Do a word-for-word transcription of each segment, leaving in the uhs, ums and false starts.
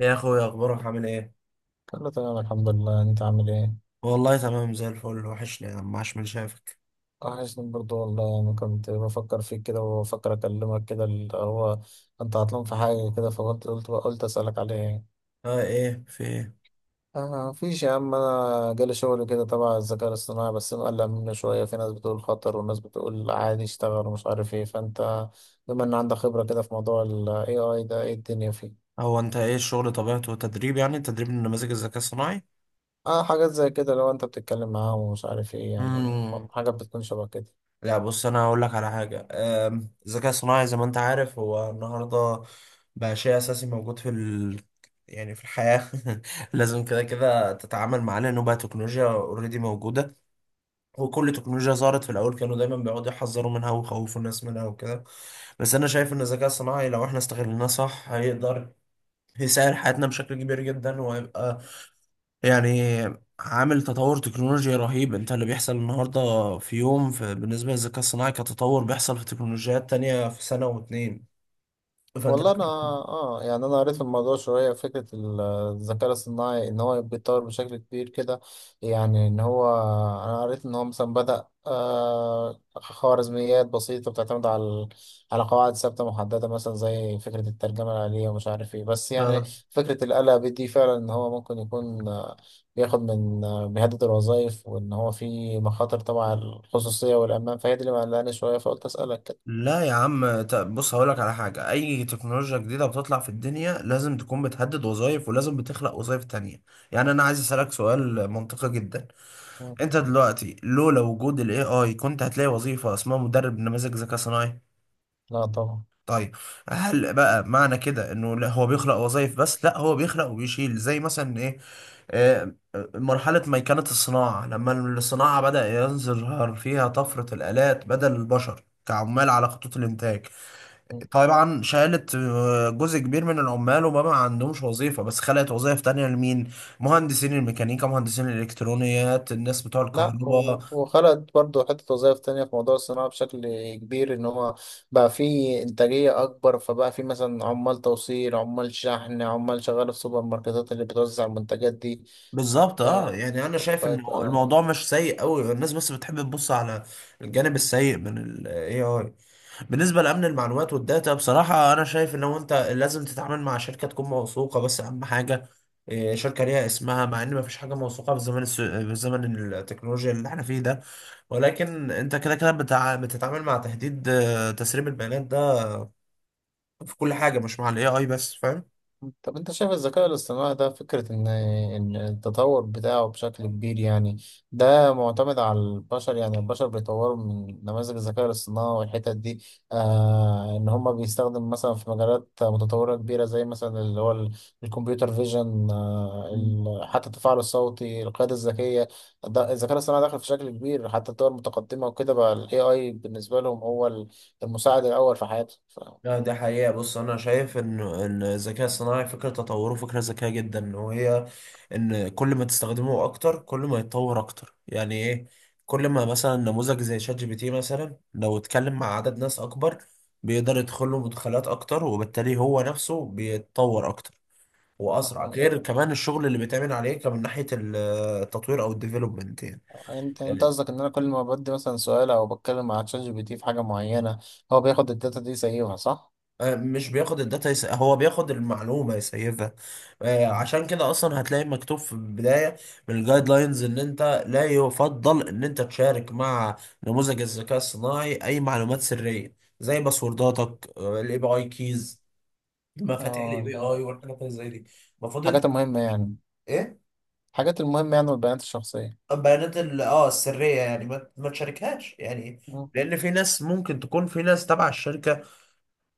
يا اخويا، اخبارك عامل ايه؟ كله تمام الحمد لله، انت عامل ايه؟ والله تمام زي الفل. وحشني يا عم، عاش من شافك. وحشني برضو والله، انا كنت بفكر فيك كده وبفكر اكلمك كده اللي هو انت عطلان في حاجه كده، فقلت قلت قلت اسالك عليه. اه، ايه؟ في ايه؟ اه مفيش يا عم، انا جالي شغل كده تبع الذكاء الاصطناعي بس مقلق منه شويه، في ناس بتقول خطر وناس بتقول عادي اشتغل ومش عارف ايه، فانت بما ان عندك خبره كده في موضوع ال A I ده، ايه الدنيا فيه؟ هو انت ايه الشغل طبيعته؟ تدريب، يعني تدريب النماذج الذكاء الصناعي. اه حاجات زي كده، لو انت بتتكلم معاهم ومش عارف ايه يعني، امم. حاجات بتكون شبه كده. لا بص، انا هقول لك على حاجه. آم، الذكاء الصناعي زي ما انت عارف هو النهارده بقى شيء اساسي موجود في ال... يعني في الحياه لازم كده كده تتعامل معاه، لانه بقى تكنولوجيا اوريدي موجوده. وكل تكنولوجيا ظهرت في الاول كانوا دايما بيقعدوا يحذروا منها ويخوفوا الناس منها وكده. بس انا شايف ان الذكاء الصناعي لو احنا استغلناه صح هيقدر يسهل حياتنا بشكل كبير جدا، وهيبقى يعني عامل تطور تكنولوجي رهيب. انت اللي بيحصل النهارده في يوم في بالنسبه للذكاء الصناعي كتطور بيحصل في تكنولوجيات تانية في سنه واتنين. فانت والله انا اه يعني انا قريت في الموضوع شويه، فكره ال- الذكاء الصناعي ان هو بيتطور بشكل كبير كده، يعني ان هو انا قريت ان هو مثلا بدأ آه خوارزميات بسيطه بتعتمد على على قواعد ثابته محدده، مثلا زي فكره الترجمه الآلية ومش عارف ايه، بس يعني اه. فكره الآلة دي فعلا ان هو ممكن يكون آه، بياخد من آه، بيهدد الوظائف، وان هو في مخاطر طبعا على الخصوصيه والامان، فهي دي اللي مقلقاني شويه فقلت اسالك كده. لا يا عم، ت- بص، هقولك على حاجة. أي تكنولوجيا جديدة بتطلع في الدنيا لازم تكون بتهدد وظائف، ولازم بتخلق وظائف تانية. يعني أنا عايز أسألك سؤال منطقي جدا. مم. انت دلوقتي لولا وجود الاي اي كنت هتلاقي وظيفة اسمها مدرب نماذج ذكاء صناعي؟ لا طبعا. طيب. هل بقى معنى كده انه لا هو بيخلق وظائف؟ بس لا، هو بيخلق وبيشيل. زي مثلا ايه؟ آه، مرحلة ميكنة الصناعة، لما الصناعة بدأ يظهر فيها طفرة الآلات بدل البشر كعمال على خطوط الإنتاج. طبعا شالت آه، جزء كبير من العمال وما ما عندهمش وظيفة، بس خلقت وظائف تانية لمين؟ مهندسين الميكانيكا، مهندسين الإلكترونيات، الناس بتوع لا، الكهرباء. و- وخلقت برضه حتة وظائف تانية في موضوع الصناعة بشكل كبير، إن هو بقى فيه إنتاجية أكبر، فبقى فيه مثلا عمال توصيل، عمال شحن، عمال شغال في سوبر ماركتات اللي بتوزع المنتجات دي. بالظبط. اه، آه، يعني انا شايف ان بقت آه، الموضوع مش سيء قوي، الناس بس بتحب تبص على الجانب السيء من الاي اي. بالنسبه لامن المعلومات والداتا، بصراحه انا شايف ان هو انت لازم تتعامل مع شركه تكون موثوقه. بس اهم حاجه إيه؟ شركه ليها اسمها، مع ان ما فيش حاجه موثوقه في زمن الس... في زمن التكنولوجيا اللي احنا فيه ده. ولكن انت كده كده بتع... بتتعامل مع تهديد آه، تسريب البيانات ده في كل حاجه، مش مع الاي اي بس، فاهم. طب انت شايف الذكاء الاصطناعي ده، فكرة ان ان التطور بتاعه بشكل كبير يعني ده معتمد على البشر؟ يعني البشر بيطوروا من نماذج الذكاء الاصطناعي والحتت دي، آه ان هم بيستخدم مثلا في مجالات متطورة كبيرة، زي مثلا اللي هو ال- الكمبيوتر فيجن، آه ال- حتى التفاعل الصوتي، القيادة الذكية، ده الذكاء الاصطناعي داخل في شكل كبير حتى الدول المتقدمة وكده، بقى الاي اي بالنسبة لهم هو ال- المساعد الاول في حياتهم ف... لا، ده حقيقة. بص، أنا شايف إن إن الذكاء الصناعي فكرة تطوره فكرة ذكية جدا، وهي إن كل ما تستخدمه أكتر كل ما يتطور أكتر. يعني إيه؟ كل ما مثلا نموذج زي شات جي بي تي مثلا لو اتكلم مع عدد ناس أكبر بيقدر يدخل له مدخلات أكتر، وبالتالي هو نفسه بيتطور أكتر وأسرع. آه، يعني غير كمان الشغل اللي بيتعمل عليه كمان من ناحية التطوير أو الديفلوبمنت يعني. انت انت قصدك ان انا كل ما بدي مثلا سؤال او بتكلم مع تشات جي بي تي في حاجه معينه، هو بياخد الداتا دي يسيبها صح؟ آه، مش بياخد الداتا، يس... هو بياخد المعلومة يسيفها. آه، عشان كده أصلا هتلاقي مكتوب في البداية من الجايد لاينز إن أنت لا يفضل إن أنت تشارك مع نموذج الذكاء الصناعي أي معلومات سرية، زي باسورداتك، الاي بي اي كيز، مفاتيح الاي اه بي لا، اي والحاجات اللي زي دي. المفروض أنت الحاجات المهمه يعني، إيه. الحاجات المهمه يعني والبيانات الشخصيه. البيانات ال- اه السرية يعني ما, ما تشاركهاش يعني. لأن في ناس ممكن تكون، في ناس تبع الشركة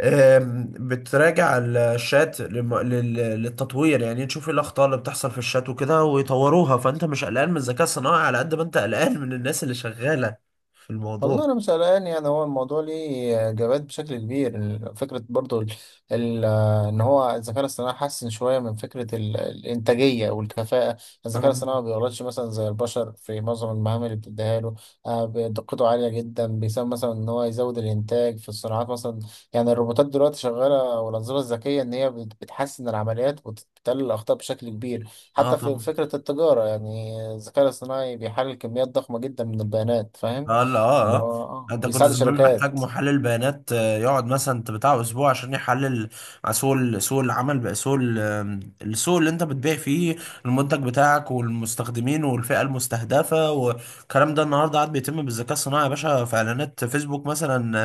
آم، بتراجع الشات لم- لل- للتطوير. يعني تشوف ايه الاخطاء اللي بتحصل في الشات وكده ويطوروها. فانت مش قلقان من الذكاء الصناعي على قد ما انت قلقان من الناس اللي شغاله في الموضوع. والله انا مش قلقان يعني، هو الموضوع ليه اجابات بشكل كبير، فكره برضو ال ال ان هو الذكاء الاصطناعي حسن شويه من فكره ال الانتاجيه والكفاءه، الذكاء آه. الاصطناعي ما بيغلطش مثلا زي البشر في معظم المهام اللي بتديها له. آه، دقته عاليه جدا، بيساهم مثلا ان هو يزود الانتاج في الصناعات مثلا، يعني الروبوتات دلوقتي شغاله والانظمه الذكيه ان هي بت- بتحسن العمليات وبتقلل الاخطاء بشكل كبير. اه حتى في طبعا. فكره التجاره، يعني الذكاء الاصطناعي بيحلل كميات ضخمه جدا من البيانات، فاهم؟ اه، لا، اه اللي اه. هو اه انت كنت بيساعد زمان محتاج الشركات. محلل بيانات آه، يقعد مثلا انت بتاع اسبوع عشان يحلل مع سوق ال- سوق العمل. بقى سوق ال- آم، السوق اللي انت بتبيع فيه المنتج بتاعك، والمستخدمين، والفئة المستهدفة، والكلام ده النهارده قاعد بيتم بالذكاء الصناعي يا باشا. في اعلانات فيسبوك مثلا،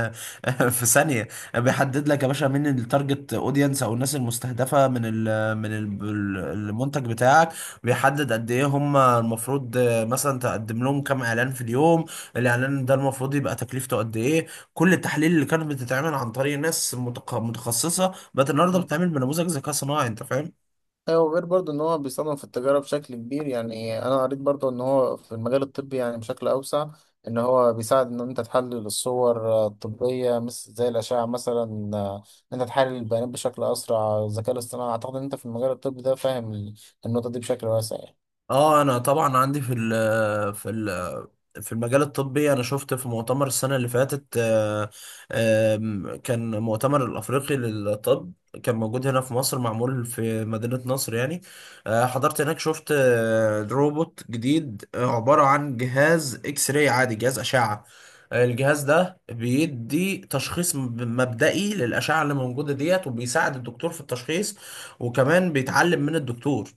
آه، في ثانية بيحدد لك يا باشا مين التارجت اودينس او الناس المستهدفة من ال من ال المنتج بتاعك. بيحدد قد ايه هم المفروض آه، مثلا تقدم لهم كام اعلان في اليوم. الاعلان ده المفروض يبقى تكلفته قد ايه. كل التحاليل اللي كانت بتتعمل عن طريق ناس متق- متخصصه بقت النهارده مم. بتتعمل بنموذج ذكاء صناعي، انت فاهم. ايوه، غير برضو ان هو بيستخدم في التجاره بشكل كبير، يعني انا قريت برضو ان هو في المجال الطبي يعني بشكل اوسع، ان هو بيساعد ان انت تحلل الصور آه، الطبيه مثل زي الاشعه مثلا، آه، ان انت تحلل البيانات بشكل اسرع، الذكاء الاصطناعي اعتقد ان انت في المجال الطبي ده فاهم ال- النقطه دي بشكل واسع يعني. اه انا طبعا عندي في ال في ال في المجال الطبي. انا شفت في مؤتمر السنه اللي فاتت، آه، آم، كان مؤتمر الافريقي للطب، كان موجود هنا في مصر، معمول في مدينه نصر يعني. آه، حضرت هناك، شفت آه، روبوت جديد، آه، عباره عن جهاز اكس راي عادي، جهاز اشعه. آه، الجهاز ده بيدي تشخيص مب- مبدئي للأشعة اللي موجودة ديت، وبيساعد الدكتور في التشخيص، وكمان بيتعلم من الدكتور.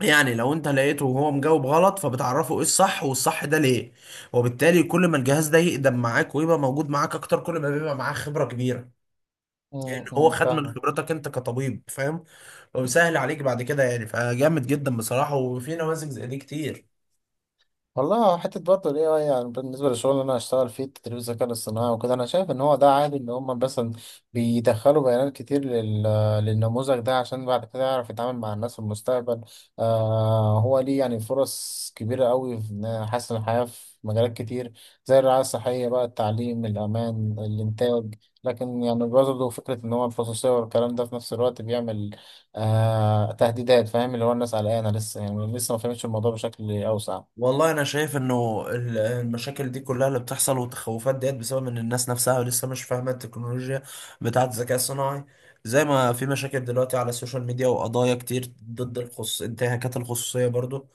يعني لو انت لقيته وهو مجاوب غلط، فبتعرفه ايه الصح، والصح ده ليه، وبالتالي كل ما الجهاز ده يقدم معاك ويبقى موجود معاك اكتر كل ما بيبقى معاه خبرة كبيرة. يعني هو امم خد من فاهمك. خبرتك انت كطبيب، فاهم. وبيسهل عليك بعد كده يعني. فجامد جدا بصراحة، وفي نماذج زي دي كتير. والله حتة برضه ال ايه آي يعني بالنسبة للشغل اللي أنا هشتغل فيه تدريب الذكاء الاصطناعي وكده، أنا شايف إن هو ده عادي، إن هما مثلا بيدخلوا بيانات كتير لل... للنموذج ده عشان بعد كده يعرف يتعامل مع الناس في المستقبل. آه هو ليه يعني فرص كبيرة أوي في إن يحسن الحياة في مجالات كتير، زي الرعاية الصحية بقى، التعليم، الأمان، الإنتاج، لكن يعني برضه فكرة إن هو الخصوصية والكلام ده في نفس الوقت بيعمل آه تهديدات، فاهم؟ اللي هو الناس قلقانة لسه، يعني لسه ما فهمتش الموضوع بشكل أوسع. والله انا شايف انه ال- المشاكل دي كلها اللي بتحصل والتخوفات ديت بسبب ان الناس نفسها لسه مش فاهمة التكنولوجيا بتاعة الذكاء الصناعي. زي ما في مشاكل دلوقتي على السوشيال ميديا وقضايا كتير ضد الخص... انتهاكات الخصوصية برضو،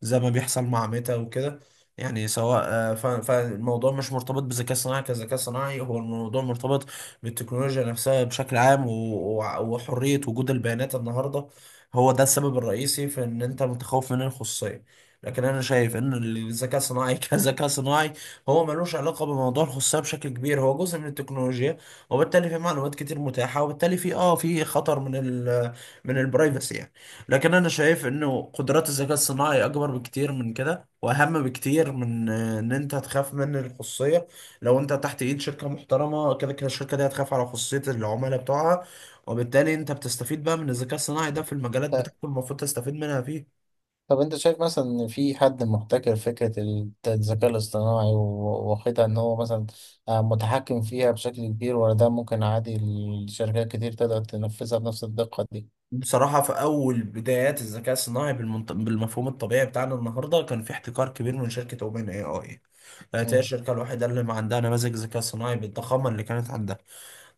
زي ما بيحصل مع ميتا وكده. يعني سواء آه، ف- فالموضوع مش مرتبط بذكاء صناعي كذكاء صناعي، هو الموضوع مرتبط بالتكنولوجيا نفسها بشكل عام و- و- وحرية وجود البيانات النهاردة. هو ده السبب الرئيسي في ان انت متخوف من الخصوصية. لكن انا شايف ان الذكاء الصناعي كذكاء صناعي هو ملوش علاقة بموضوع الخصوصية بشكل كبير، هو جزء من التكنولوجيا، وبالتالي في معلومات كتير متاحة، وبالتالي في اه في خطر من ال من البرايفسي يعني. لكن انا شايف انه قدرات الذكاء الصناعي اكبر بكتير من كده، واهم بكتير من آه، ان انت تخاف من الخصوصيه. لو انت تحت ايد شركه محترمه، كده كده الشركه دي هتخاف على خصوصيه العملاء بتوعها، وبالتالي انت بتستفيد بقى من الذكاء الصناعي ده في المجالات بتاعته المفروض تستفيد منها فيه. طب انت شايف مثلا ان في حد محتكر فكرة ال- الذكاء الاصطناعي و- واخدها ان هو مثلا آه، متحكم فيها بشكل كبير، ولا ده ممكن عادي الشركات كتير تقدر تنفذها بنفس الدقة دي؟ بصراحه في اول بدايات الذكاء الصناعي بالمنط... بالمفهوم الطبيعي بتاعنا النهارده كان في احتكار كبير من شركه اوبن اي اي. هي مم. الشركه الوحيده اللي ما عندها نماذج ذكاء صناعي بالضخامه اللي كانت عندها.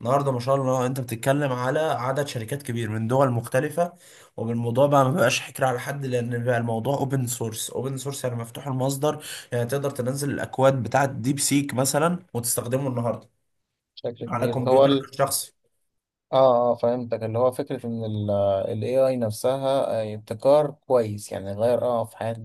النهارده ما شاء الله انت بتتكلم على عدد شركات كبير من دول مختلفة، وبالموضوع بقى ما بقاش حكر على حد، لان بقى الموضوع اوبن سورس. اوبن سورس يعني مفتوح المصدر. يعني تقدر تنزل الاكواد بتاعة ديب سيك مثلا وتستخدمه النهارده بشكل على مظبوط كبير هو كمبيوترك الشخصي. اه اه فهمتك، اللي هو فكرة ان ال ال ايه آي نفسها آه، ابتكار كويس يعني، غير اه في حياة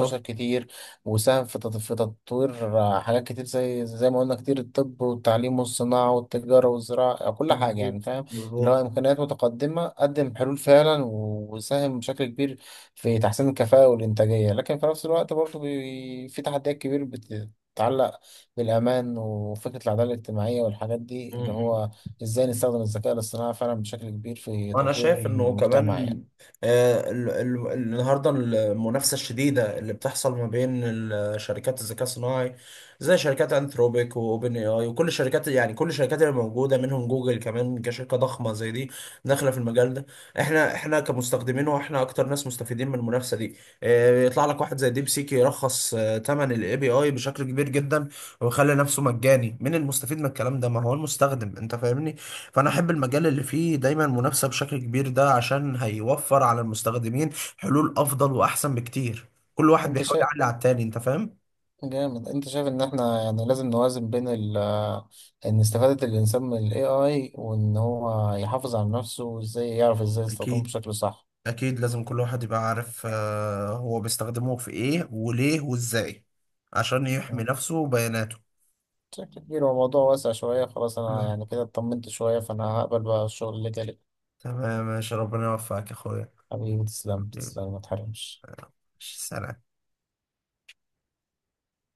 بشر كتير، وساهم في تط- في تطوير آه، حاجات كتير، زي زي ما قلنا كتير، الطب والتعليم والصناعة والتجارة والزراعة آه، كل حاجة يعني، مظبوط فاهم؟ اللي هو مظبوط إمكانيات متقدمة، قدم حلول فعلا وساهم بشكل كبير في تحسين الكفاءة والإنتاجية، لكن في نفس الوقت برضه بي- في تحديات كبيرة بتتعلق بالأمان وفكرة العدالة الاجتماعية والحاجات دي، اللي مظبوط. هو ازاي نستخدم الذكاء الاصطناعي فعلا بشكل كبير في انا تطوير شايف انه المجتمع كمان يعني. آه، ال- ال- النهارده المنافسه الشديده اللي بتحصل ما بين ال- شركات الذكاء الصناعي، زي شركات انثروبيك واوبن اي اي وكل الشركات. يعني كل الشركات اللي موجوده، منهم جوجل كمان كشركه ضخمه زي دي داخله في المجال ده. احنا احنا كمستخدمين واحنا اكتر ناس مستفيدين من المنافسه دي. آه، يطلع لك واحد زي ديب سيك يرخص ثمن الاي بي اي بشكل كبير جدا ويخلي نفسه مجاني. مين المستفيد من الكلام ده؟ ما هو المستخدم، انت فاهمني. فانا احب المجال اللي فيه دايما منافسه بشكل كبير ده، عشان هيوفر على المستخدمين حلول افضل واحسن بكتير. كل واحد انت بيحاول شايف يعلي على التاني، انت فاهم. جامد، انت شايف ان احنا يعني لازم نوازن بين ال ان استفادة الانسان من ال A I وان هو يحافظ على نفسه وازاي يعرف ازاي يستخدمه اكيد. بشكل صح. اكيد لازم كل واحد يبقى عارف آه، هو بيستخدمه في ايه وليه وازاي، عشان يحمي نفسه وبياناته. بشكل كبير هو موضوع واسع شوية، خلاص انا مم. يعني كده اطمنت شوية، فانا هقبل بقى الشغل اللي جالي. تمام، ماشي، ربنا يوفقك يا اخويا. حبيبي تسلم، حبيبي. تسلم ما تحرمش. ماشي، سلام.